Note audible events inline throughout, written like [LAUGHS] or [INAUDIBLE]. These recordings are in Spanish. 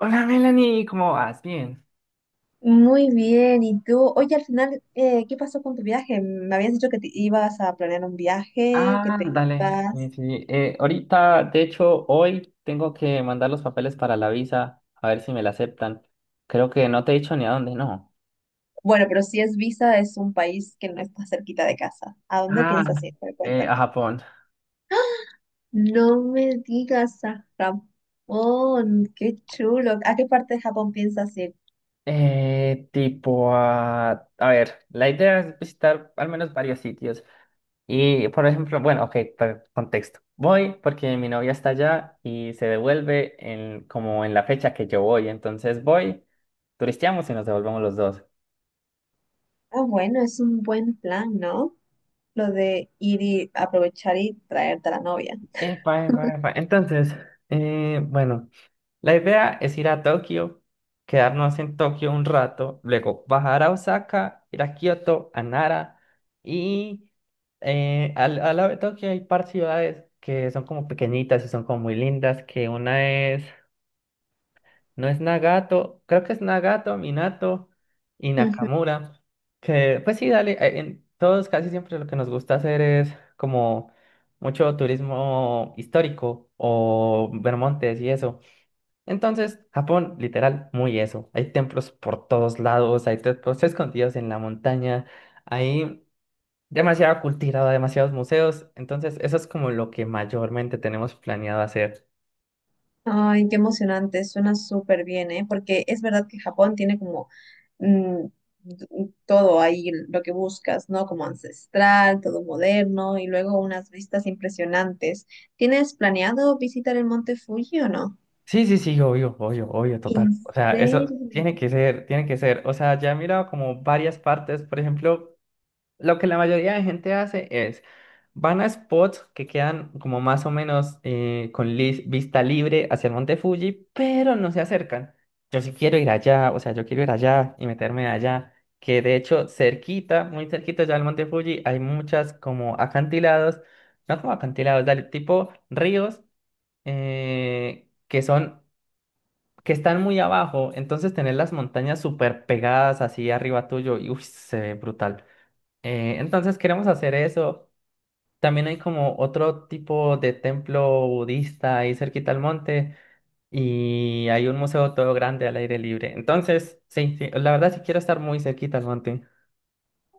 Hola Melanie, ¿cómo vas? Bien. Muy bien, ¿y tú? Oye, al final, ¿qué pasó con tu viaje? Me habías dicho que te ibas a planear un viaje, que Ah, te dale. Sí, ibas... sí. Ahorita, de hecho, hoy tengo que mandar los papeles para la visa, a ver si me la aceptan. Creo que no te he dicho ni a dónde, no. Bueno, pero si es visa, es un país que no está cerquita de casa. ¿A dónde Ah, piensas ir? Pero a cuéntame. Japón. No me digas, a Japón, qué chulo. ¿A qué parte de Japón piensas ir? Tipo a... A ver, la idea es visitar al menos varios sitios. Y, por ejemplo, bueno, ok, contexto. Voy porque mi novia está allá y se devuelve en, como en la fecha que yo voy. Entonces voy, turisteamos y nos devolvemos los dos. Ah, bueno, es un buen plan, ¿no? Lo de ir y aprovechar y traerte a la novia. Epa, epa, epa. Entonces, bueno, la idea es ir a Tokio, quedarnos en Tokio un rato, luego bajar a Osaka, ir a Kioto, a Nara y al, lado de Tokio hay par ciudades que son como pequeñitas y son como muy lindas, que una es no es Nagato, creo que es Nagato, Minato y Nakamura. Que, pues sí, dale, en todos casi siempre lo que nos gusta hacer es como mucho turismo histórico o ver montes y eso. Entonces, Japón, literal, muy eso. Hay templos por todos lados, hay templos escondidos en la montaña, hay demasiada cultura, demasiados museos. Entonces, eso es como lo que mayormente tenemos planeado hacer. Ay, qué emocionante, suena súper bien, ¿eh? Porque es verdad que Japón tiene como mm, todo ahí, lo que buscas, ¿no? Como ancestral, todo moderno y luego unas vistas impresionantes. ¿Tienes planeado visitar el Monte Fuji o no? Sí, sí, sí, obvio, obvio, obvio, ¿En total. O sea, eso tiene serio? que ser, tiene que ser. O sea, ya he mirado como varias partes. Por ejemplo, lo que la mayoría de gente hace es, van a spots que quedan como más o menos con vista libre hacia el monte Fuji, pero no se acercan. Yo sí quiero ir allá, o sea, yo quiero ir allá y meterme allá. Que de hecho, cerquita, muy cerquita ya del monte Fuji, hay muchas como acantilados, no como acantilados, dale, tipo ríos, que son que están muy abajo, entonces tener las montañas súper pegadas así arriba tuyo, y uy, se ve brutal. Entonces queremos hacer eso. También hay como otro tipo de templo budista ahí cerquita al monte y hay un museo todo grande al aire libre. Entonces, sí, sí, la verdad sí quiero estar muy cerquita al monte.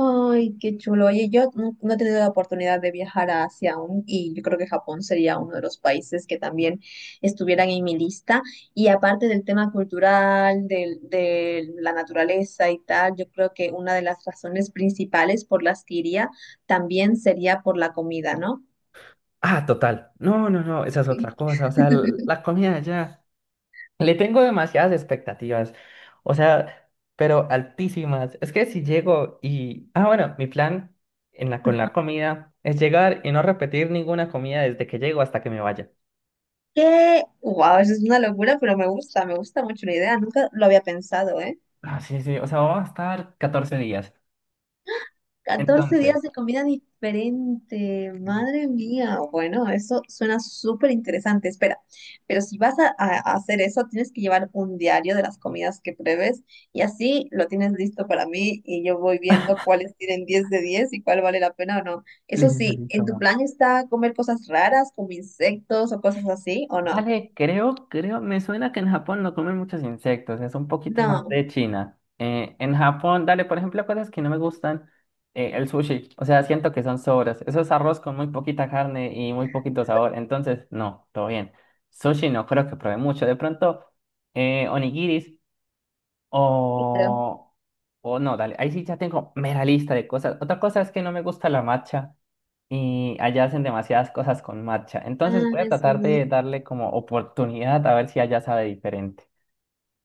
Ay, qué chulo. Oye, yo no he tenido la oportunidad de viajar a Asia aún y yo creo que Japón sería uno de los países que también estuvieran en mi lista. Y aparte del tema cultural, la naturaleza y tal, yo creo que una de las razones principales por las que iría también sería por la comida, ¿no? Ah, total. No, no, no, esa es otra Sí. cosa. O sea, [LAUGHS] la comida allá. Le tengo demasiadas expectativas, o sea, pero altísimas. Es que si llego y... Ah, bueno, mi plan en la, con la comida es llegar y no repetir ninguna comida desde que llego hasta que me vaya. Que, wow, eso es una locura, pero me gusta mucho la idea. Nunca lo había pensado, ¿eh? Ah, sí, sí, o sea, vamos a estar 14 días. 14 días Entonces, de comida diferente. Madre mía. Bueno, eso suena súper interesante. Espera, pero si vas a, a hacer eso, tienes que llevar un diario de las comidas que pruebes y así lo tienes listo para mí y yo voy viendo cuáles tienen 10 de 10 y cuál vale la pena o no. Eso listo, sí, ¿en tu listo, plan está comer cosas raras como insectos o cosas así o no? dale, creo, me suena que en Japón no comen muchos insectos, es un poquito más No. de China. En Japón, dale, por ejemplo, cosas que no me gustan, el sushi, o sea, siento que son sobras. Eso es arroz con muy poquita carne y muy poquito sabor, entonces, no, todo bien. Sushi no creo que probé mucho, de pronto, onigiris Claro. o... o no, dale, ahí sí ya tengo mera lista de cosas. Otra cosa es que no me gusta la matcha y allá hacen demasiadas cosas con matcha. Entonces Ah, voy a es tratar verdad. de darle como oportunidad a ver si allá sabe diferente.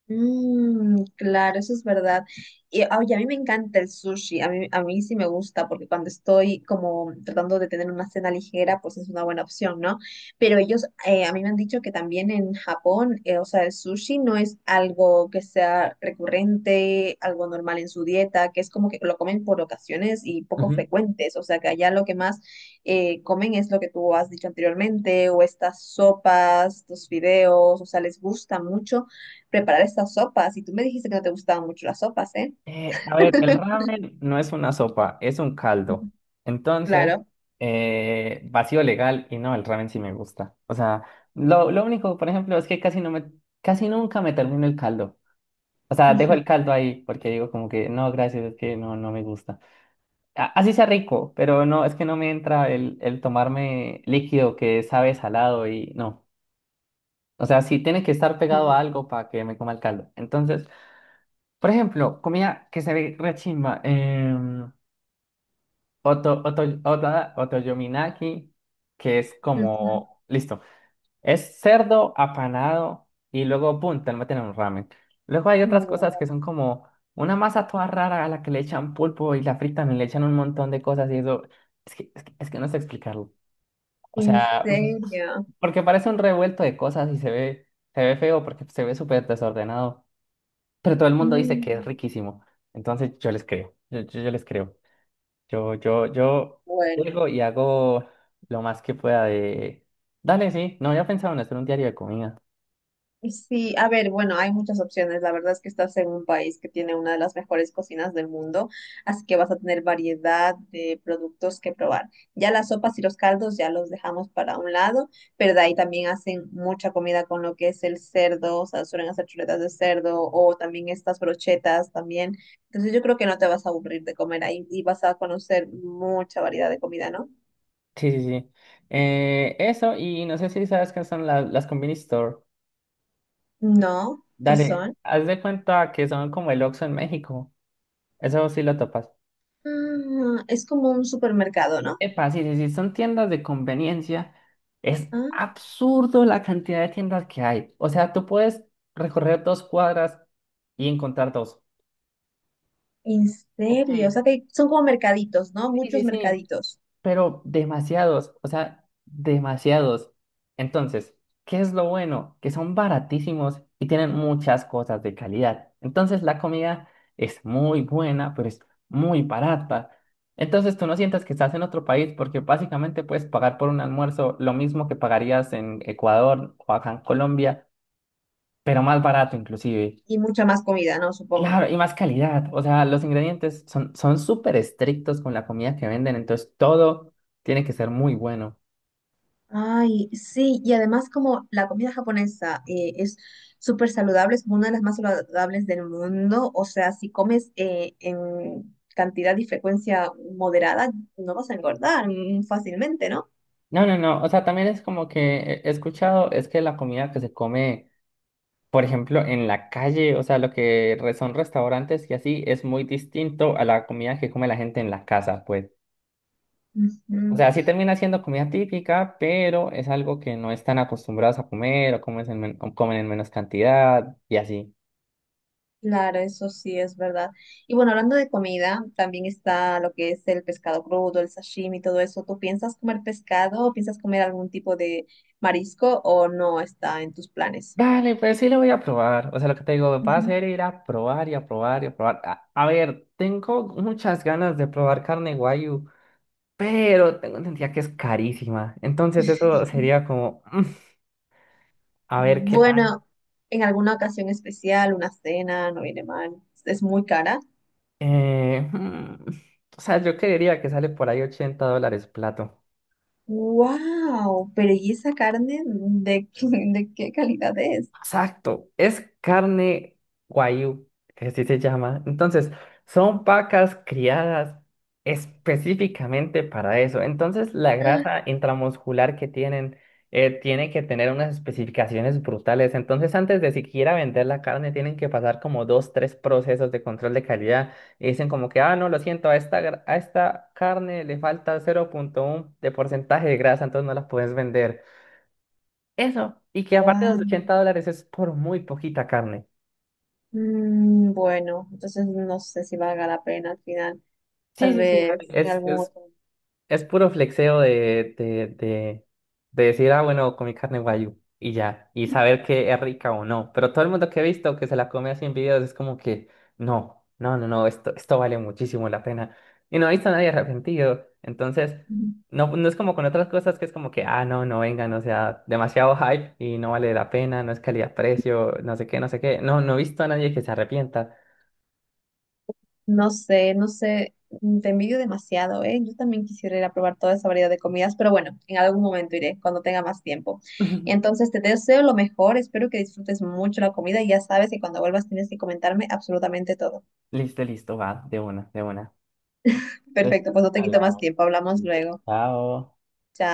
Mm, claro, eso es verdad. Y oye, a mí me encanta el sushi, a mí sí me gusta porque cuando estoy como tratando de tener una cena ligera, pues es una buena opción, ¿no? Pero ellos, a mí me han dicho que también en Japón, o sea, el sushi no es algo que sea recurrente, algo normal en su dieta, que es como que lo comen por ocasiones y poco Ujú. frecuentes, o sea, que allá lo que más comen es lo que tú has dicho anteriormente, o estas sopas, estos fideos, o sea, les gusta mucho preparar estas sopas. Y tú me dijiste que no te gustaban mucho las sopas, ¿eh? A ver, el ramen no es una sopa, es un caldo. Ujú. Entonces, Claro. Vacío legal y no, el ramen sí me gusta. O sea, lo único, por ejemplo, es que casi no me, casi nunca me termino el caldo. O sea, dejo Ujú, el caldo ahí porque digo como que no, gracias, es que no, no me gusta. Así sea rico, pero no, es que no me entra el tomarme líquido que sabe salado y no. O sea, sí tiene que estar pegado ujú, a algo para que me coma el caldo. Entonces, por ejemplo, comida que se ve re chimba, otoyominaki, que es ujú. como, listo. Es cerdo apanado y luego, pum, te lo meten en un ramen. Luego hay otras cosas Wow, que son como una masa toda rara a la que le echan pulpo y la fritan y le echan un montón de cosas y eso. Es que no sé explicarlo. O ¿en sea, serio? [LAUGHS] porque parece un revuelto de cosas y se ve feo porque se ve súper desordenado. Pero todo el mundo dice que es Mm, riquísimo. Entonces yo les creo. Yo les creo. Yo bueno. llego y hago lo más que pueda de. Dale, sí. No había pensado en hacer un diario de comida. Sí, a ver, bueno, hay muchas opciones. La verdad es que estás en un país que tiene una de las mejores cocinas del mundo, así que vas a tener variedad de productos que probar. Ya las sopas y los caldos ya los dejamos para un lado, pero de ahí también hacen mucha comida con lo que es el cerdo, o sea, suelen hacer chuletas de cerdo o también estas brochetas también. Entonces yo creo que no te vas a aburrir de comer ahí y vas a conocer mucha variedad de comida, ¿no? Sí, sí, sí. Eso, y no sé si sabes qué son las Convenience Store. No, ¿qué Dale, son? haz de cuenta que son como el Oxxo en México. Eso sí lo topas. Ah, es como un supermercado, Epa, sí, sí, sí, son tiendas de conveniencia. Es ¿no? absurdo la cantidad de tiendas que hay. O sea, tú puedes recorrer dos cuadras y encontrar dos. En Ok. serio, o sea que son como mercaditos, ¿no? Sí, sí, Muchos sí, mercaditos pero demasiados, o sea, demasiados. Entonces, ¿qué es lo bueno? Que son baratísimos y tienen muchas cosas de calidad. Entonces, la comida es muy buena, pero es muy barata. Entonces, tú no sientas que estás en otro país porque básicamente puedes pagar por un almuerzo lo mismo que pagarías en Ecuador o acá en Colombia, pero más barato inclusive. y mucha más comida, ¿no? Supongo. Claro, y más calidad. O sea, los ingredientes son súper estrictos con la comida que venden, entonces todo tiene que ser muy bueno. Ay, sí, y además como la comida japonesa es súper saludable, es como una de las más saludables del mundo, o sea, si comes en cantidad y frecuencia moderada, no vas a engordar fácilmente, ¿no? No, no, no. O sea, también es como que he escuchado, es que la comida que se come, por ejemplo, en la calle, o sea, lo que son restaurantes y así, es muy distinto a la comida que come la gente en la casa, pues. O Ujú. sea, sí termina siendo comida típica, pero es algo que no están acostumbrados a comer o, comen en menos cantidad y así. Claro, eso sí es verdad. Y bueno, hablando de comida, también está lo que es el pescado crudo, el sashimi, todo eso. ¿Tú piensas comer pescado o piensas comer algún tipo de marisco o no está en tus planes? Vale, pues sí lo voy a probar. O sea, lo que te digo, va a Ujú. ser ir a probar y a probar y a probar. A ver, tengo muchas ganas de probar carne guayu, pero tengo entendido que es carísima. Entonces eso sería como, mm, a ver qué tal. Bueno, en alguna ocasión especial, una cena, no viene mal, es muy cara. Eh, mm, o sea, yo creería que sale por ahí 80 dólares plato. ¡Wow! Pero ¿y esa carne de, qué- [LAUGHS] de qué calidad es? Exacto, es carne guayú, que así se llama. Entonces, son vacas criadas específicamente para eso. Entonces, la grasa intramuscular que tienen tiene que tener unas especificaciones brutales. Entonces, antes de siquiera vender la carne, tienen que pasar como dos, tres procesos de control de calidad. Y dicen como que, ah, no, lo siento, a esta, a esta carne le falta 0,1 de porcentaje de grasa, entonces no la puedes vender. Eso. Y que aparte de ¡Wow! los 80 dólares es por muy poquita carne. Bueno, entonces no sé si valga la pena al final. Sí, Tal sí, sí, dale. vez en Es, algún es, otro. es puro flexeo de decir, ah, bueno, comí carne guayu y ya, y saber que es rica o no. Pero todo el mundo que he visto que se la come así en videos es como que, no, no, no, no, esto vale muchísimo la pena. Y no he visto a nadie arrepentido. Entonces, no, no es como con otras cosas que es como que, ah, no, no vengan, o sea, demasiado hype y no vale la pena, no es calidad-precio, no sé qué, no sé qué. No, no he visto a nadie que se arrepienta. No sé, no sé, mm, te envidio demasiado, ¿eh? Yo también quisiera ir a probar toda esa variedad de comidas, pero bueno, en algún momento iré, cuando tenga más tiempo. [LAUGHS] Entonces, te deseo lo mejor, espero que disfrutes mucho la comida y ya sabes que cuando vuelvas tienes que comentarme absolutamente todo. Listo, listo, va, de una, de una. Entonces, Perfecto, pues no te quito más hablamos. tiempo, hablamos luego. Chao. Chao.